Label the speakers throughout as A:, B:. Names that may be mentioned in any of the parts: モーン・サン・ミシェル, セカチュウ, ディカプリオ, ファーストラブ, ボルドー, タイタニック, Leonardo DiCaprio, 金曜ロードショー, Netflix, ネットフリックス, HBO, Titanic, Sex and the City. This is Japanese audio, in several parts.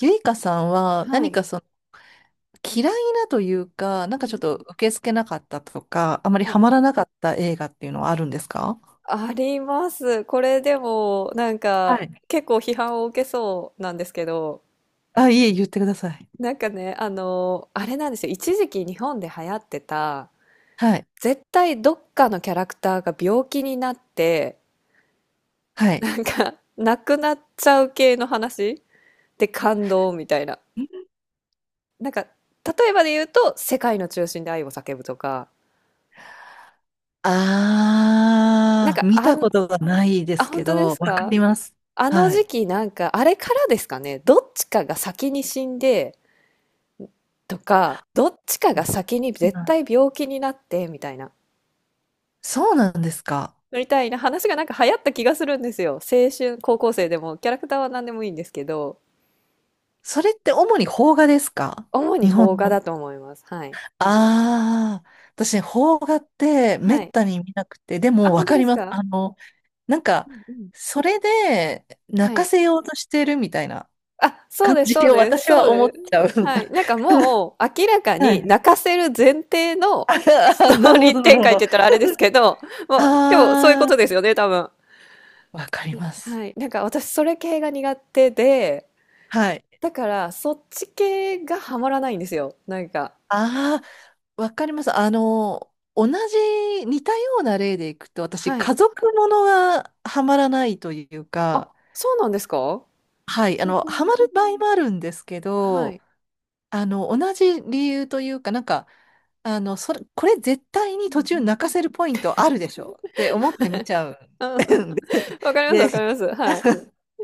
A: ゆいかさんは
B: は
A: 何
B: い。
A: かその嫌いなというか、
B: う
A: な
B: ん
A: んかちょ
B: う
A: っと
B: ん。
A: 受け付けなかったとか、あまり
B: は
A: ハ
B: い。
A: マらなかった映画っていうのはあるんですか？
B: あります。これでも、なん
A: は
B: か、
A: い。
B: 結構批判を受けそうなんですけど、
A: あ、いえ、言ってください。
B: なんかね、あれなんですよ。一時期日本で流行ってた、
A: はい。
B: 絶対どっかのキャラクターが病気になって、
A: はい。
B: なんか、亡くなっちゃう系の話で感動みたいな。なんか、例えばで言うと、世界の中心で愛を叫ぶとか、なん
A: あー、
B: か、
A: 見
B: あ
A: た
B: ん、
A: ことがないで
B: あ、
A: す
B: 本
A: け
B: 当で
A: ど、
B: す
A: わか
B: か？
A: ります。
B: あの
A: は
B: 時
A: い。
B: 期なんか、あれからですかね、どっちかが先に死んで、とか、どっちか
A: う
B: が
A: ん、
B: 先に絶対病気になって、みたいな、
A: そうなんですか。
B: みたいな話がなんか流行った気がするんですよ。青春、高校生でも、キャラクターは何でもいいんですけど、
A: それって主に邦画ですか？
B: 主に
A: 日本
B: 邦画
A: の。
B: だと思います。はい。
A: ああ、私ね、邦画ってめ
B: は
A: っ
B: い。
A: たに見なくて、で
B: あ、
A: もわ
B: 本当
A: か
B: で
A: り
B: す
A: ます。
B: か？
A: あの、なんか、
B: うんうん。
A: それで泣
B: は
A: か
B: い。
A: せようとしてるみたいな
B: あ、そう
A: 感
B: です、そ
A: じ
B: う
A: を
B: です、
A: 私
B: そ
A: は
B: う
A: 思っ
B: で
A: ちゃう。
B: す。はい。なんかもう、明らか
A: は
B: に
A: い。
B: 泣かせる前提 のス
A: あ、
B: ト
A: な
B: ー
A: るほ
B: リー
A: ど、なる
B: 展
A: ほ
B: 開って
A: ど。
B: 言ったらあれですけど、もう、今日そういうこ
A: あ
B: と ですよね、多分。
A: あ、わかります。
B: はい。なんか私それ系が苦手で、
A: はい。
B: だからそっち系がハマらないんですよ。なんか。
A: ああ、わかります。あの、同じ、似たような例でいくと、私、
B: はい。
A: 家族ものがハマらないという
B: あ、
A: か、
B: そうなんですか？
A: はい、あ
B: そ
A: の、
B: こ
A: ハマる
B: も
A: 場合もあるんですけ
B: は
A: ど、
B: い。
A: あの、同じ理由というか、なんか、あの、それ、これ絶対
B: う
A: に途中
B: ん。
A: 泣かせるポイントあるでしょって思って見ちゃう。
B: うん。わかります、
A: で、
B: わかり
A: で、
B: ます。はい。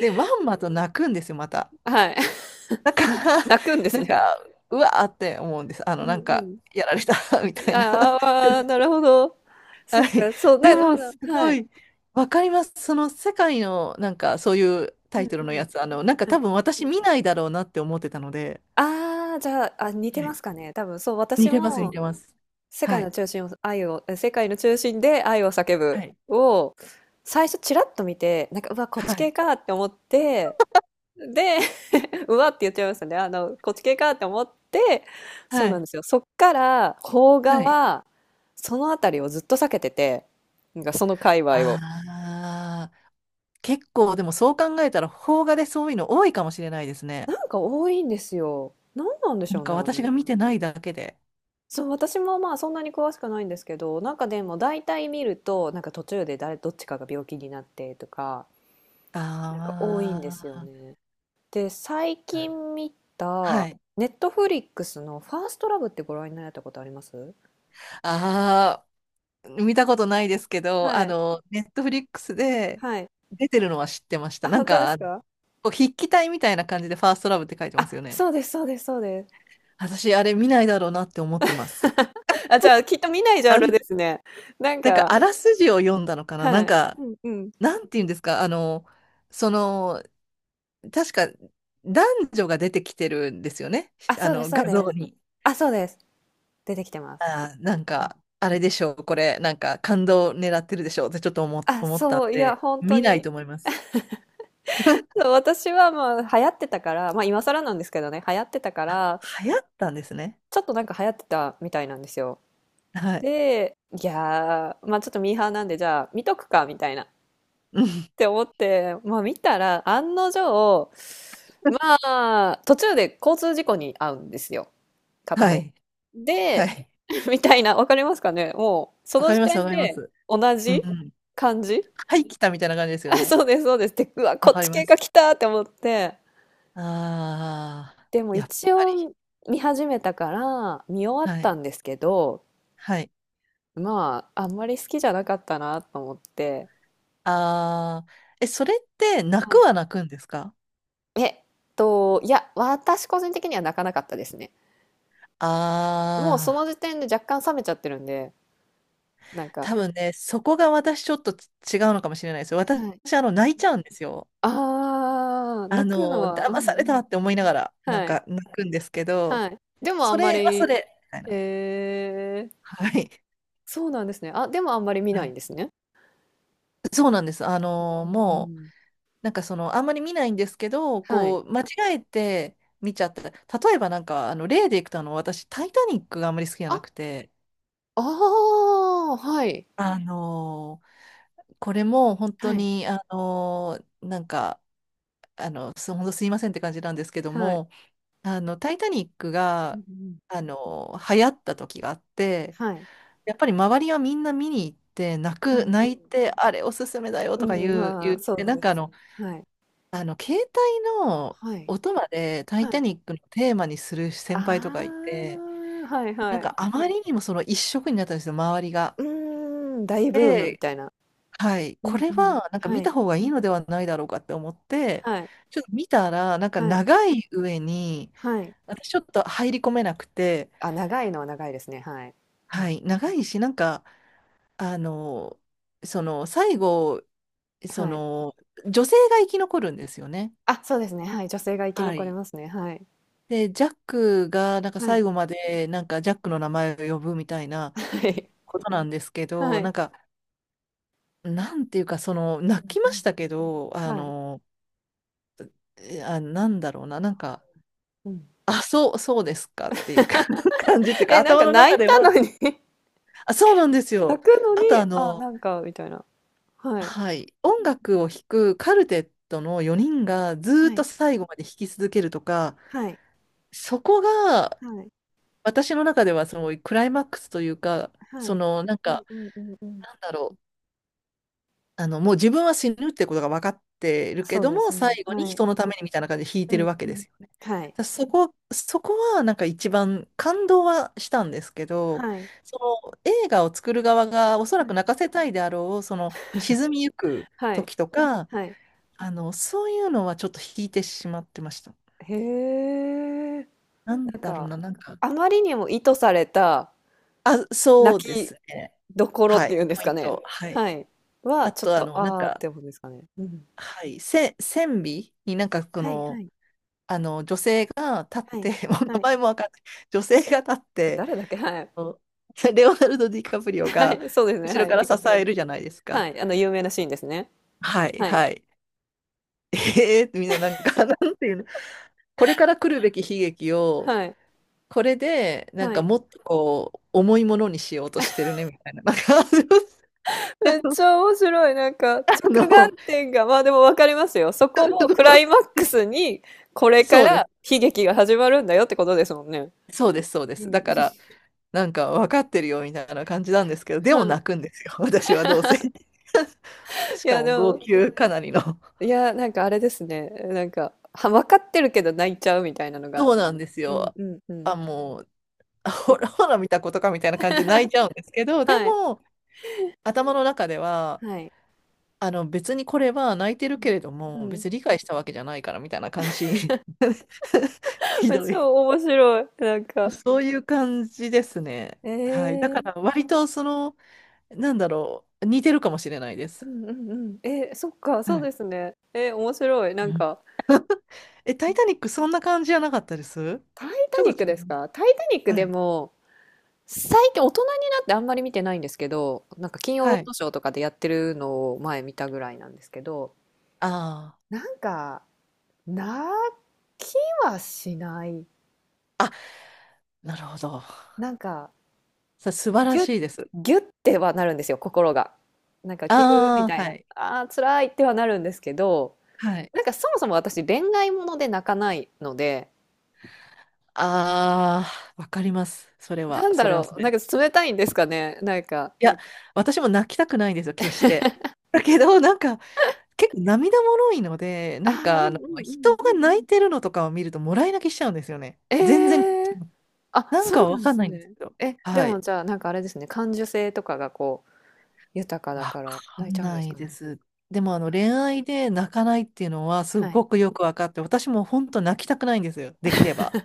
A: でまんまと泣くんですよ、また。
B: はい。
A: だから、
B: 泣くんです
A: なん
B: ね。
A: か、うわーって思うんです。あ
B: う
A: の、
B: ん
A: なん
B: う
A: か、
B: ん。
A: やられた みたいな。
B: ああ、なるほど。そ
A: は
B: っ
A: い。
B: か、そう、
A: で
B: だでも
A: も、
B: な
A: す
B: は
A: ご
B: い。
A: い、わかります。その世界の、なんか、そういう
B: う
A: タ
B: ん
A: イト
B: う
A: ルの
B: ん。
A: やつ、あの、なんか
B: は
A: 多
B: い。
A: 分私見ないだろうなって思ってたので、
B: ああ、じゃあ、あ、似て
A: はい、
B: ますかね。多分そう、
A: 似
B: 私
A: てます、似
B: も
A: てます。
B: 世
A: は
B: 界
A: い。
B: の中心を愛を、え世界の中心で愛を叫
A: は
B: ぶ
A: い。
B: を、最初ちらっと見て、なんか、うわ、こっ
A: は
B: ち系
A: い。
B: かって思って、で うわって言っちゃいましたね。こっち系かって思って、そ
A: は
B: うなん
A: い。
B: ですよ。そっから、邦画
A: はい。
B: は、そのあたりをずっと避けてて、なんかその界隈を。
A: ああ、結構でもそう考えたら邦画でそういうの多いかもしれないですね。
B: なんか多いんですよ。なんなんでし
A: なん
B: ょうね、
A: か
B: あ
A: 私
B: れ。
A: が見てないだけで。
B: そう、私もまあそんなに詳しくないんですけど、なんかでも大体見ると、なんか途中で誰、どっちかが病気になってとか、なんか多いんですよ
A: あ
B: ね。で、最
A: あ、
B: 近見
A: は
B: た、
A: い。
B: ネットフリックスのファーストラブってご覧になられたことあります？
A: ああ、見たことないですけど、
B: は
A: あ
B: い、
A: の、ネットフリックスで
B: はい。
A: 出てるのは知ってました。
B: あ、
A: なん
B: 本当で
A: か、あ
B: す
A: の、
B: か？
A: こう筆記体みたいな感じでファーストラブって書いてます
B: あ、
A: よね。
B: そうです、そうです、そうです。
A: 私、あれ見ないだろうなって思ってます。
B: あ、じゃあ、きっと見ないジャ
A: あ
B: ンルで
A: ん、
B: すね。なん
A: なんか、あ
B: か、
A: らすじを読んだのかな、
B: は
A: なん
B: い。
A: か、
B: うんうん。
A: なんて言うんですか、あの、その、確か男女が出てきてるんですよね。
B: あ、
A: あ
B: そうです、
A: の
B: そう
A: 画
B: で
A: 像
B: す。
A: に。
B: あ、そうです。出てきてます。
A: あー、なん
B: うん
A: か、あれでしょう、これ、なんか感動狙ってるでしょうってちょっと
B: あ、
A: 思ったん
B: そう、いや、
A: で、
B: 本当
A: 見ない
B: に。
A: と思います。
B: そう私はまあ、流行ってたから、まあ、今更なんですけどね、流行ってたか
A: あ、
B: ら、
A: 流行ったんですね。
B: ちょっとなんか流行ってたみたいなんですよ。
A: はい。
B: で、いやー、まあちょっとミーハーなんで、じゃあ見とくか、みたいな。っ
A: うん。
B: て思って、まあ見たら、案の定、まあ、途中で交通事故に遭うんですよ。片
A: は
B: 方が。
A: い。は
B: で、
A: い。
B: みたいな、わかりますかねもう、そ
A: わ
B: の
A: かり
B: 時
A: ます、わ
B: 点
A: かりま
B: で、
A: す。
B: 同
A: うんう
B: じ
A: ん。
B: 感じ
A: はい、来たみたいな感じですよ
B: あ、
A: ね。
B: そうです、そうです。で、うわ、
A: わ
B: こっ
A: かり
B: ち
A: ま
B: 系が
A: す。
B: 来たって思って。
A: ああ、
B: でも
A: やっ
B: 一
A: ぱり。
B: 応見始めたから見終わっ
A: は
B: た
A: い。
B: んですけど、
A: はい。
B: まあ、あんまり好きじゃなかったなと思って。
A: ああ、え、それって泣くは泣くんですか？
B: えっいや、私個人的には泣かなかったですね。もうそ
A: ああ
B: の
A: ー。
B: 時点で若干冷めちゃってるんで、なんか、
A: 多分ね、そこが私ちょっと違うのかもしれないですよ。私、
B: はい。
A: あの、泣いちゃうんですよ。
B: ああー、
A: あ
B: 泣くの
A: の、
B: は、う
A: 騙
B: ん
A: さ
B: う
A: れた
B: ん。
A: って思いながら、なん
B: はい、
A: か泣くんですけど、
B: はい。でもあ
A: そ
B: んま
A: れはそ
B: り
A: れ、みたいな。
B: えー
A: はい。
B: そうなんですね。あ、でもあんまり見な
A: は
B: いん
A: い。
B: ですね。
A: そうなんです。あの、
B: う
A: もう、
B: ん。
A: なんかその、あんまり見ないんですけど、
B: はい。
A: こう、間違えて見ちゃった。例えばなんか、あの、例でいくと、あの、私、タイタニックがあんまり好きじゃ
B: あ、
A: なくて、
B: ああ、はい。
A: あの、これも本当
B: はい、
A: に、あの、なんか、あの、ほんすいませんって感じなんですけど
B: はい。
A: も、あの、タイタニック
B: う
A: が、
B: んうん。
A: あの、流行った時があって、
B: はい。
A: やっぱり周りはみんな見に行って、
B: うん、
A: 泣いて、あれおすすめだよ
B: う
A: とか
B: ん、ま
A: 言
B: あ、
A: っ
B: そう
A: て、なん
B: で
A: か
B: す
A: あ
B: ね。
A: の、
B: はい、
A: あの、携帯の
B: はい、
A: 音までタイ
B: は
A: タ
B: い。
A: ニックのテーマにする先輩とかい
B: あ
A: て、
B: あ、はい
A: な
B: は
A: んか
B: い。
A: あまりにもその一色になったんですよ、周りが。
B: うーん、大ブームみ
A: で、
B: たいな。
A: はい、
B: う
A: こ
B: ん
A: れ
B: うん。
A: はなんか
B: は
A: 見た
B: い、
A: 方がいいのではないだろうかって思って、
B: はい、
A: ちょっと見たら、なんか
B: はい、
A: 長い上に、
B: はい。
A: 私ちょっと入り込めなくて、
B: あ、長いのは長いですね、はい。うん。
A: はい、長いし、なんか、あの、その、最後、そ
B: はい。
A: の、女性が生き残るんですよね。
B: あ、そうですね、はい、女性が生き
A: は
B: 残れ
A: い。
B: ますね、はい。
A: で、ジャックが、なんか
B: は
A: 最
B: い、
A: 後まで、なんかジャックの名前を呼ぶみたい な
B: はい、
A: ことなんですけ
B: は
A: ど、
B: い。
A: なんか、なんていうか、その、泣き
B: うん
A: ま
B: うん。
A: したけど、あ
B: はい、
A: の、え、あ、なんだろうな、なんか、
B: うん。
A: あ、そう、そうですかっていうか 感じってい うか、
B: え、なん
A: 頭
B: か
A: の
B: 泣
A: 中
B: い
A: で
B: たの
A: は、
B: に
A: あ、そうなんです
B: 泣
A: よ。
B: くの
A: あと、
B: に、
A: あ
B: あ、
A: の、
B: なんかみたいな。はい。
A: はい、音
B: うん。
A: 楽を弾くカルテットの4人がずーっ
B: は
A: と
B: い、
A: 最後まで弾き続けるとか、
B: はい、
A: そこが
B: はい、
A: 私の中ではそのクライマックスというか、
B: は
A: そ
B: い。
A: のなん
B: うん
A: か、
B: うんうんうん。
A: なんだろう、あのもう自分は死ぬってことが分かっているけ
B: そう
A: ど
B: です
A: も、
B: ね、
A: 最後に
B: はい。
A: 人のためにみたいな感じで弾い
B: う
A: て
B: ん
A: るわけ
B: う
A: で
B: ん。
A: すよね。だか
B: はい、
A: らそこはなんか一番感動はしたんですけど、
B: はい、
A: その映画を作る側がおそら
B: は
A: く
B: い、
A: 泣かせたいであろう、その沈みゆく
B: はい、
A: 時とか、
B: はい。
A: あの、そういうのはちょっと引いてしまってました。
B: へえ。
A: なん
B: なん
A: だろう
B: か、
A: な、なんか、
B: あまりにも意図された
A: あ、そう
B: 泣
A: で
B: き
A: すね。
B: どころっ
A: は
B: て
A: い、
B: いうんです
A: ポ
B: か
A: イン
B: ね。
A: ト。はい。
B: はい。は、
A: あ
B: ちょっ
A: と、あ
B: と、
A: の、なん
B: ああっ
A: か、
B: て思うんですかね。うん。
A: はい、線尾になんか、こ
B: はいは
A: の、
B: い
A: あの、女性が立っ
B: はい。
A: て、もう
B: は
A: 名
B: い。
A: 前もわかんない。女性が立っ
B: え、
A: て、
B: 誰だっけ？はい。
A: こうレオナルド・ディカプリオ
B: は
A: が
B: い、そうですね、
A: 後ろ
B: は
A: か
B: い、
A: ら
B: ディ
A: 支
B: カプリオ。
A: えるじゃないです
B: は
A: か。
B: い、有名なシーンですね。
A: はい、
B: はい。
A: はい。みんななんか、なんていうの、これから来るべき悲劇を、
B: はい。
A: これで、なん
B: は
A: か
B: い。
A: もっとこう、重いものにしようとしてるね、みたいな。なんか、
B: めっち ゃ面白い、なんか、
A: あ
B: 着
A: の、
B: 眼点が、まあ、でも分かりますよ。そ こ
A: あ
B: をクライ
A: の、
B: マックスに、これか
A: そう
B: ら
A: です。
B: 悲劇が始まるんだよってことですもんね。
A: そうです、そうで
B: う
A: す。
B: ん。
A: だから、なんか分かってるよ、みたいな感じなんですけど、で
B: は
A: も
B: い。
A: 泣くんですよ、私はどうせ。し
B: い
A: か
B: や、
A: も、
B: で
A: 号
B: も
A: 泣かなりの。
B: いや、なんかあれですね。なんか、は、わかってるけど泣いちゃうみたいなのが。
A: そうなんです
B: うん
A: よ。
B: うんう
A: あ、
B: ん。
A: もう、あ、ほら、ほら見たことか、みたいな感じで泣いちゃうんですけど、で
B: はい。
A: も、頭の中では、
B: はい。
A: あの別にこれは泣いてるけれど
B: うん。
A: も、
B: うん
A: 別に理解したわけじゃないからみたいな感じ。ひど
B: 超
A: い。
B: 面白い。なん か。
A: そういう感じですね。はい。だ
B: え
A: か
B: ー
A: ら割とその、なんだろう、似てるかもしれないで
B: う
A: す。
B: んうんうん。えー、そっか、
A: は
B: そう
A: い。
B: ですね。えー、面白い。な
A: う
B: ん
A: ん、
B: か、
A: え、タイタニックそんな感じじゃなかったです
B: タイ
A: ち
B: タ
A: ょ
B: ニ
A: っ
B: ッ
A: と
B: ク
A: 違
B: です
A: う。
B: かタイタニック
A: は
B: で
A: い。
B: も、最近大人になってあんまり見てないんですけど、なんか金曜ロ
A: は
B: ー
A: い。
B: ドショーとかでやってるのを前見たぐらいなんですけど、
A: あ
B: なんか、泣きはしない。
A: あ。あ、なるほど。
B: なんか、
A: 素晴ら
B: ギュッ
A: しいです。
B: ぎってはなるんですよ、心が。なんかギューみ
A: あ
B: た
A: あ、
B: い
A: は
B: な、
A: い。
B: あー辛いってはなるんですけど、
A: はい。
B: なんかそもそも私恋愛もので泣かないので、
A: ああ、わかります。それ
B: な
A: は、
B: んだ
A: それは。
B: ろう、なんか冷たいんですかね、なんか、
A: いや、私も泣きたくないんですよ、決して。だけど、なんか、結構涙もろいので、
B: あ
A: なん
B: ーう
A: か、あの、
B: んうんうん。
A: 人が泣いてるのとかを見ると、もらい泣きしちゃうんですよね。
B: え
A: 全然、
B: ーあ、
A: なん
B: そう
A: か
B: な
A: わ
B: んで
A: かん
B: す
A: ないんです
B: ね。
A: けど。
B: え、で
A: は
B: も
A: い。
B: じゃあなんかあれですね、感受性とかがこう豊かだ
A: わ
B: から
A: か
B: 泣いち
A: ん
B: ゃうんで
A: な
B: す
A: い
B: か
A: で
B: ね。
A: す。でも、あの、恋愛で泣かないっていうのは、す
B: はい。
A: ごくよくわかって、私も本当泣きたくないんですよ、できれば。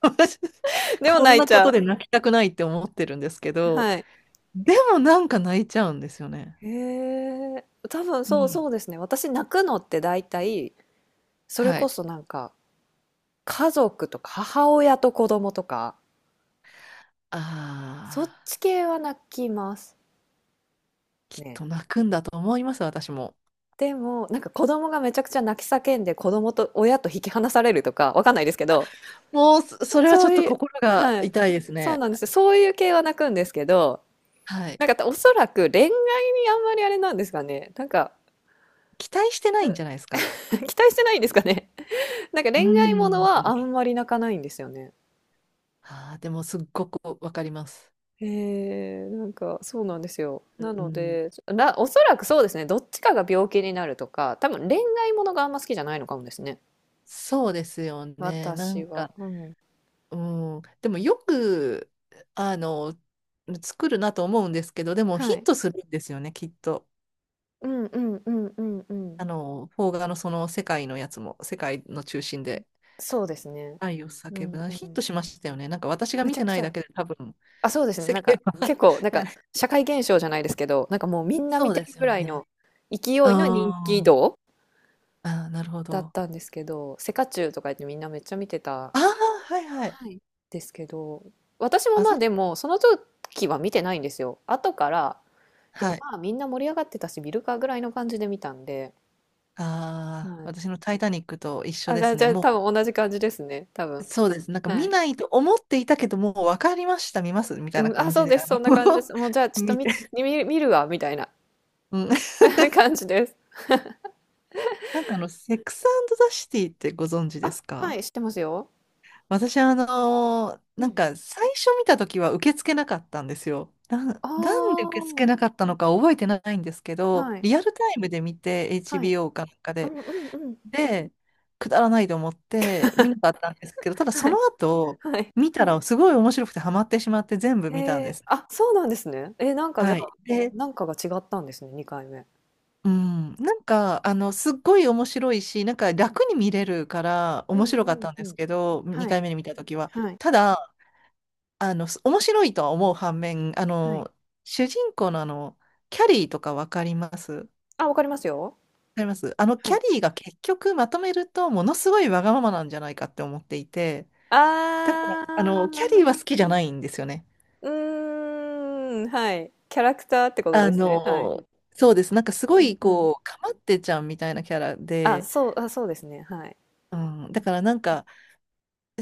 A: 私
B: でも
A: こん
B: 泣い
A: な
B: ち
A: こと
B: ゃ
A: で泣きたくないって思ってるんですけ
B: う。
A: ど、
B: はい。
A: でもなんか泣いちゃうんですよね。
B: へえ、多分
A: う
B: そう
A: ん。
B: そうですね。私泣くのって大体、それ
A: は
B: こ
A: い。
B: そなんか家族とか母親と子供とか、
A: あ
B: そっ
A: あ。
B: ち系は泣きます。
A: きっ
B: ね。
A: と泣くんだと思います、私も。
B: でも、なんか子供がめちゃくちゃ泣き叫んで、子供と親と引き離されるとか、わかんないですけど、
A: もう、それはち
B: そ
A: ょ
B: う
A: っと
B: いう
A: 心が
B: はい。
A: 痛いです
B: そう
A: ね。
B: なんですよ。そういう系は泣くんですけど、
A: はい。
B: なんかおそらく恋愛にあんまりあれなんですかね。なんか
A: 期待してないんじゃないですか。
B: 期待してないんですかね。なんか
A: う
B: 恋愛もの
A: ん。
B: はあんまり泣かないんですよね。
A: あーでもすっごくわかります。
B: えー、なんかそうなんですよ。な
A: う
B: の
A: ん。
B: で、ら、おそらくそうですね、どっちかが病気になるとか、多分恋愛ものがあんま好きじゃないのかもですね。
A: そうですよね。な
B: 私
A: ん
B: は。
A: か、
B: うん。
A: うん。でもよく、あの、作るなと思うんですけど、でもヒ
B: は
A: ッ
B: い。
A: トするんですよね、きっと。
B: うんうんうんうんうん。
A: あの、邦画のその世界のやつも、世界の中心で
B: そうですね。
A: 愛を
B: う
A: 叫
B: ん
A: ぶな。
B: う
A: ヒッ
B: ん。
A: トしましたよね。なんか私が
B: め
A: 見
B: ちゃ
A: て
B: く
A: な
B: ち
A: い
B: ゃ。
A: だけで多分、
B: あ、そうですね。
A: 世
B: なんか
A: 界は
B: 結構、なんか社会現象じゃないですけど、なんかもうみんな
A: そ
B: 見
A: う
B: て
A: で
B: る
A: す
B: ぐ
A: よ
B: らい
A: ね。
B: の勢いの人気
A: あ
B: 度
A: ーあー、なるほ
B: だっ
A: ど。
B: たんですけど、セカチュウとか言ってみんなめっちゃ見てた
A: ああ、はいはい。
B: はい。ですけど、私も
A: あ、
B: ま
A: そ
B: あで
A: れ、
B: も、その時は見てないんですよ。後から、いや
A: はい。
B: まあみんな盛り上がってたし、見るかぐらいの感じで見たんで、は
A: ああ、
B: い。
A: 私のタイタニックと一緒
B: あ、じ
A: で
B: ゃあ、
A: す
B: じ
A: ね。
B: ゃあ多
A: も
B: 分同じ感じですね、多
A: う、
B: 分。
A: そうです。なんか
B: は
A: 見
B: い。
A: ないと思っていたけど、もう分かりました、見ます、み
B: う
A: たいな
B: ん、あ、
A: 感
B: そ
A: じ
B: う
A: で、
B: で
A: あ
B: す、そん
A: の
B: な感じです。もうじゃあちょっと
A: 見
B: み
A: て。
B: 見、見るわ、みたいな
A: うん、
B: 感じです。
A: なんかあの、セックスザシティってご存知で
B: あ、
A: す
B: は
A: か？
B: い、知ってますよ。
A: 私、あのー
B: う
A: なん
B: ん。
A: か最初見た時は受け付けなかったんですよ。
B: あ
A: なんで受け付け
B: あ、
A: なかったのか覚えてないんですけど、
B: はい、
A: リアルタイムで見て
B: はい。
A: HBO かなんか
B: う
A: で、
B: んうんうん。
A: で、くだらないと思って見なかったんですけど、ただそ
B: は
A: の
B: い、
A: 後、
B: はい。
A: 見たらすごい面白くてハマってしまって全部
B: え
A: 見たんで
B: ー、
A: すね。
B: あ、そうなんですね。えー、なんかじゃ
A: は
B: あ、
A: い。で、
B: なんかが違ったんですね、2回目。
A: うん、なんか、あの、すっごい面白いし、なんか楽に見れるから
B: う
A: 面
B: ん
A: 白
B: う
A: かっ
B: ん
A: たん
B: う
A: です
B: ん。
A: けど、
B: は
A: 2
B: い、
A: 回目に見た時は。
B: はい、
A: ただ、あの、面白いとは思う反面、あ
B: はい。
A: の、主人公のあの、キャリーとかわかります、わ
B: あ、わかりますよ。
A: かります、あの、
B: は
A: キャ
B: い。
A: リーが結局まとめると、ものすごいわがままなんじゃないかって思っていて、
B: あ
A: だから、あの、キャリーは
B: あ、
A: 好きじゃないんですよね。
B: うーん、はい。キャラクターってこと
A: あ
B: ですね。はい。
A: の、そうです。なんかすご
B: うん
A: い、
B: うん。
A: こう、かまってちゃんみたいなキャラ
B: あ、
A: で、
B: そう、あ、そうですね。はい。
A: うん、だからなんか、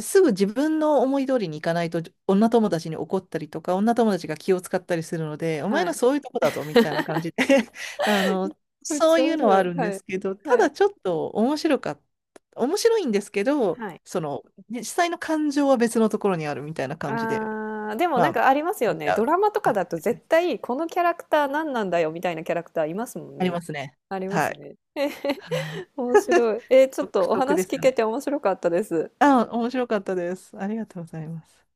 A: すぐ自分の思い通りにいかないと女友達に怒ったりとか女友達が気を使ったりするのでお前
B: は
A: の
B: い。
A: そういうとこだぞみたいな 感じで あの、
B: めっ
A: そ
B: ち
A: う
B: ゃ
A: い
B: 面
A: うのは
B: 白
A: あ
B: い。
A: るんで
B: はい。
A: すけど、た
B: はい。
A: だちょっと面白かった、面白いんですけど、
B: はい。
A: そのね、実際の感情は別のところにあるみたいな感じで、
B: ああ、でも
A: ま
B: なん
A: あ
B: かありますよ
A: 見ち
B: ね。
A: ゃ
B: ド
A: う
B: ラマとか
A: 感
B: だと
A: じで
B: 絶
A: す、
B: 対このキャラクター何なんだよみたいなキャラクターいますもん
A: あり
B: ね。
A: ますね、
B: ありま
A: は
B: す
A: い、
B: ね。
A: はい、
B: 面白い。えーちょっ
A: 独
B: とお
A: 特で
B: 話
A: す
B: 聞
A: よ
B: け
A: ね、
B: て面白かったです。
A: あ、面白かったです、ありがとうございます。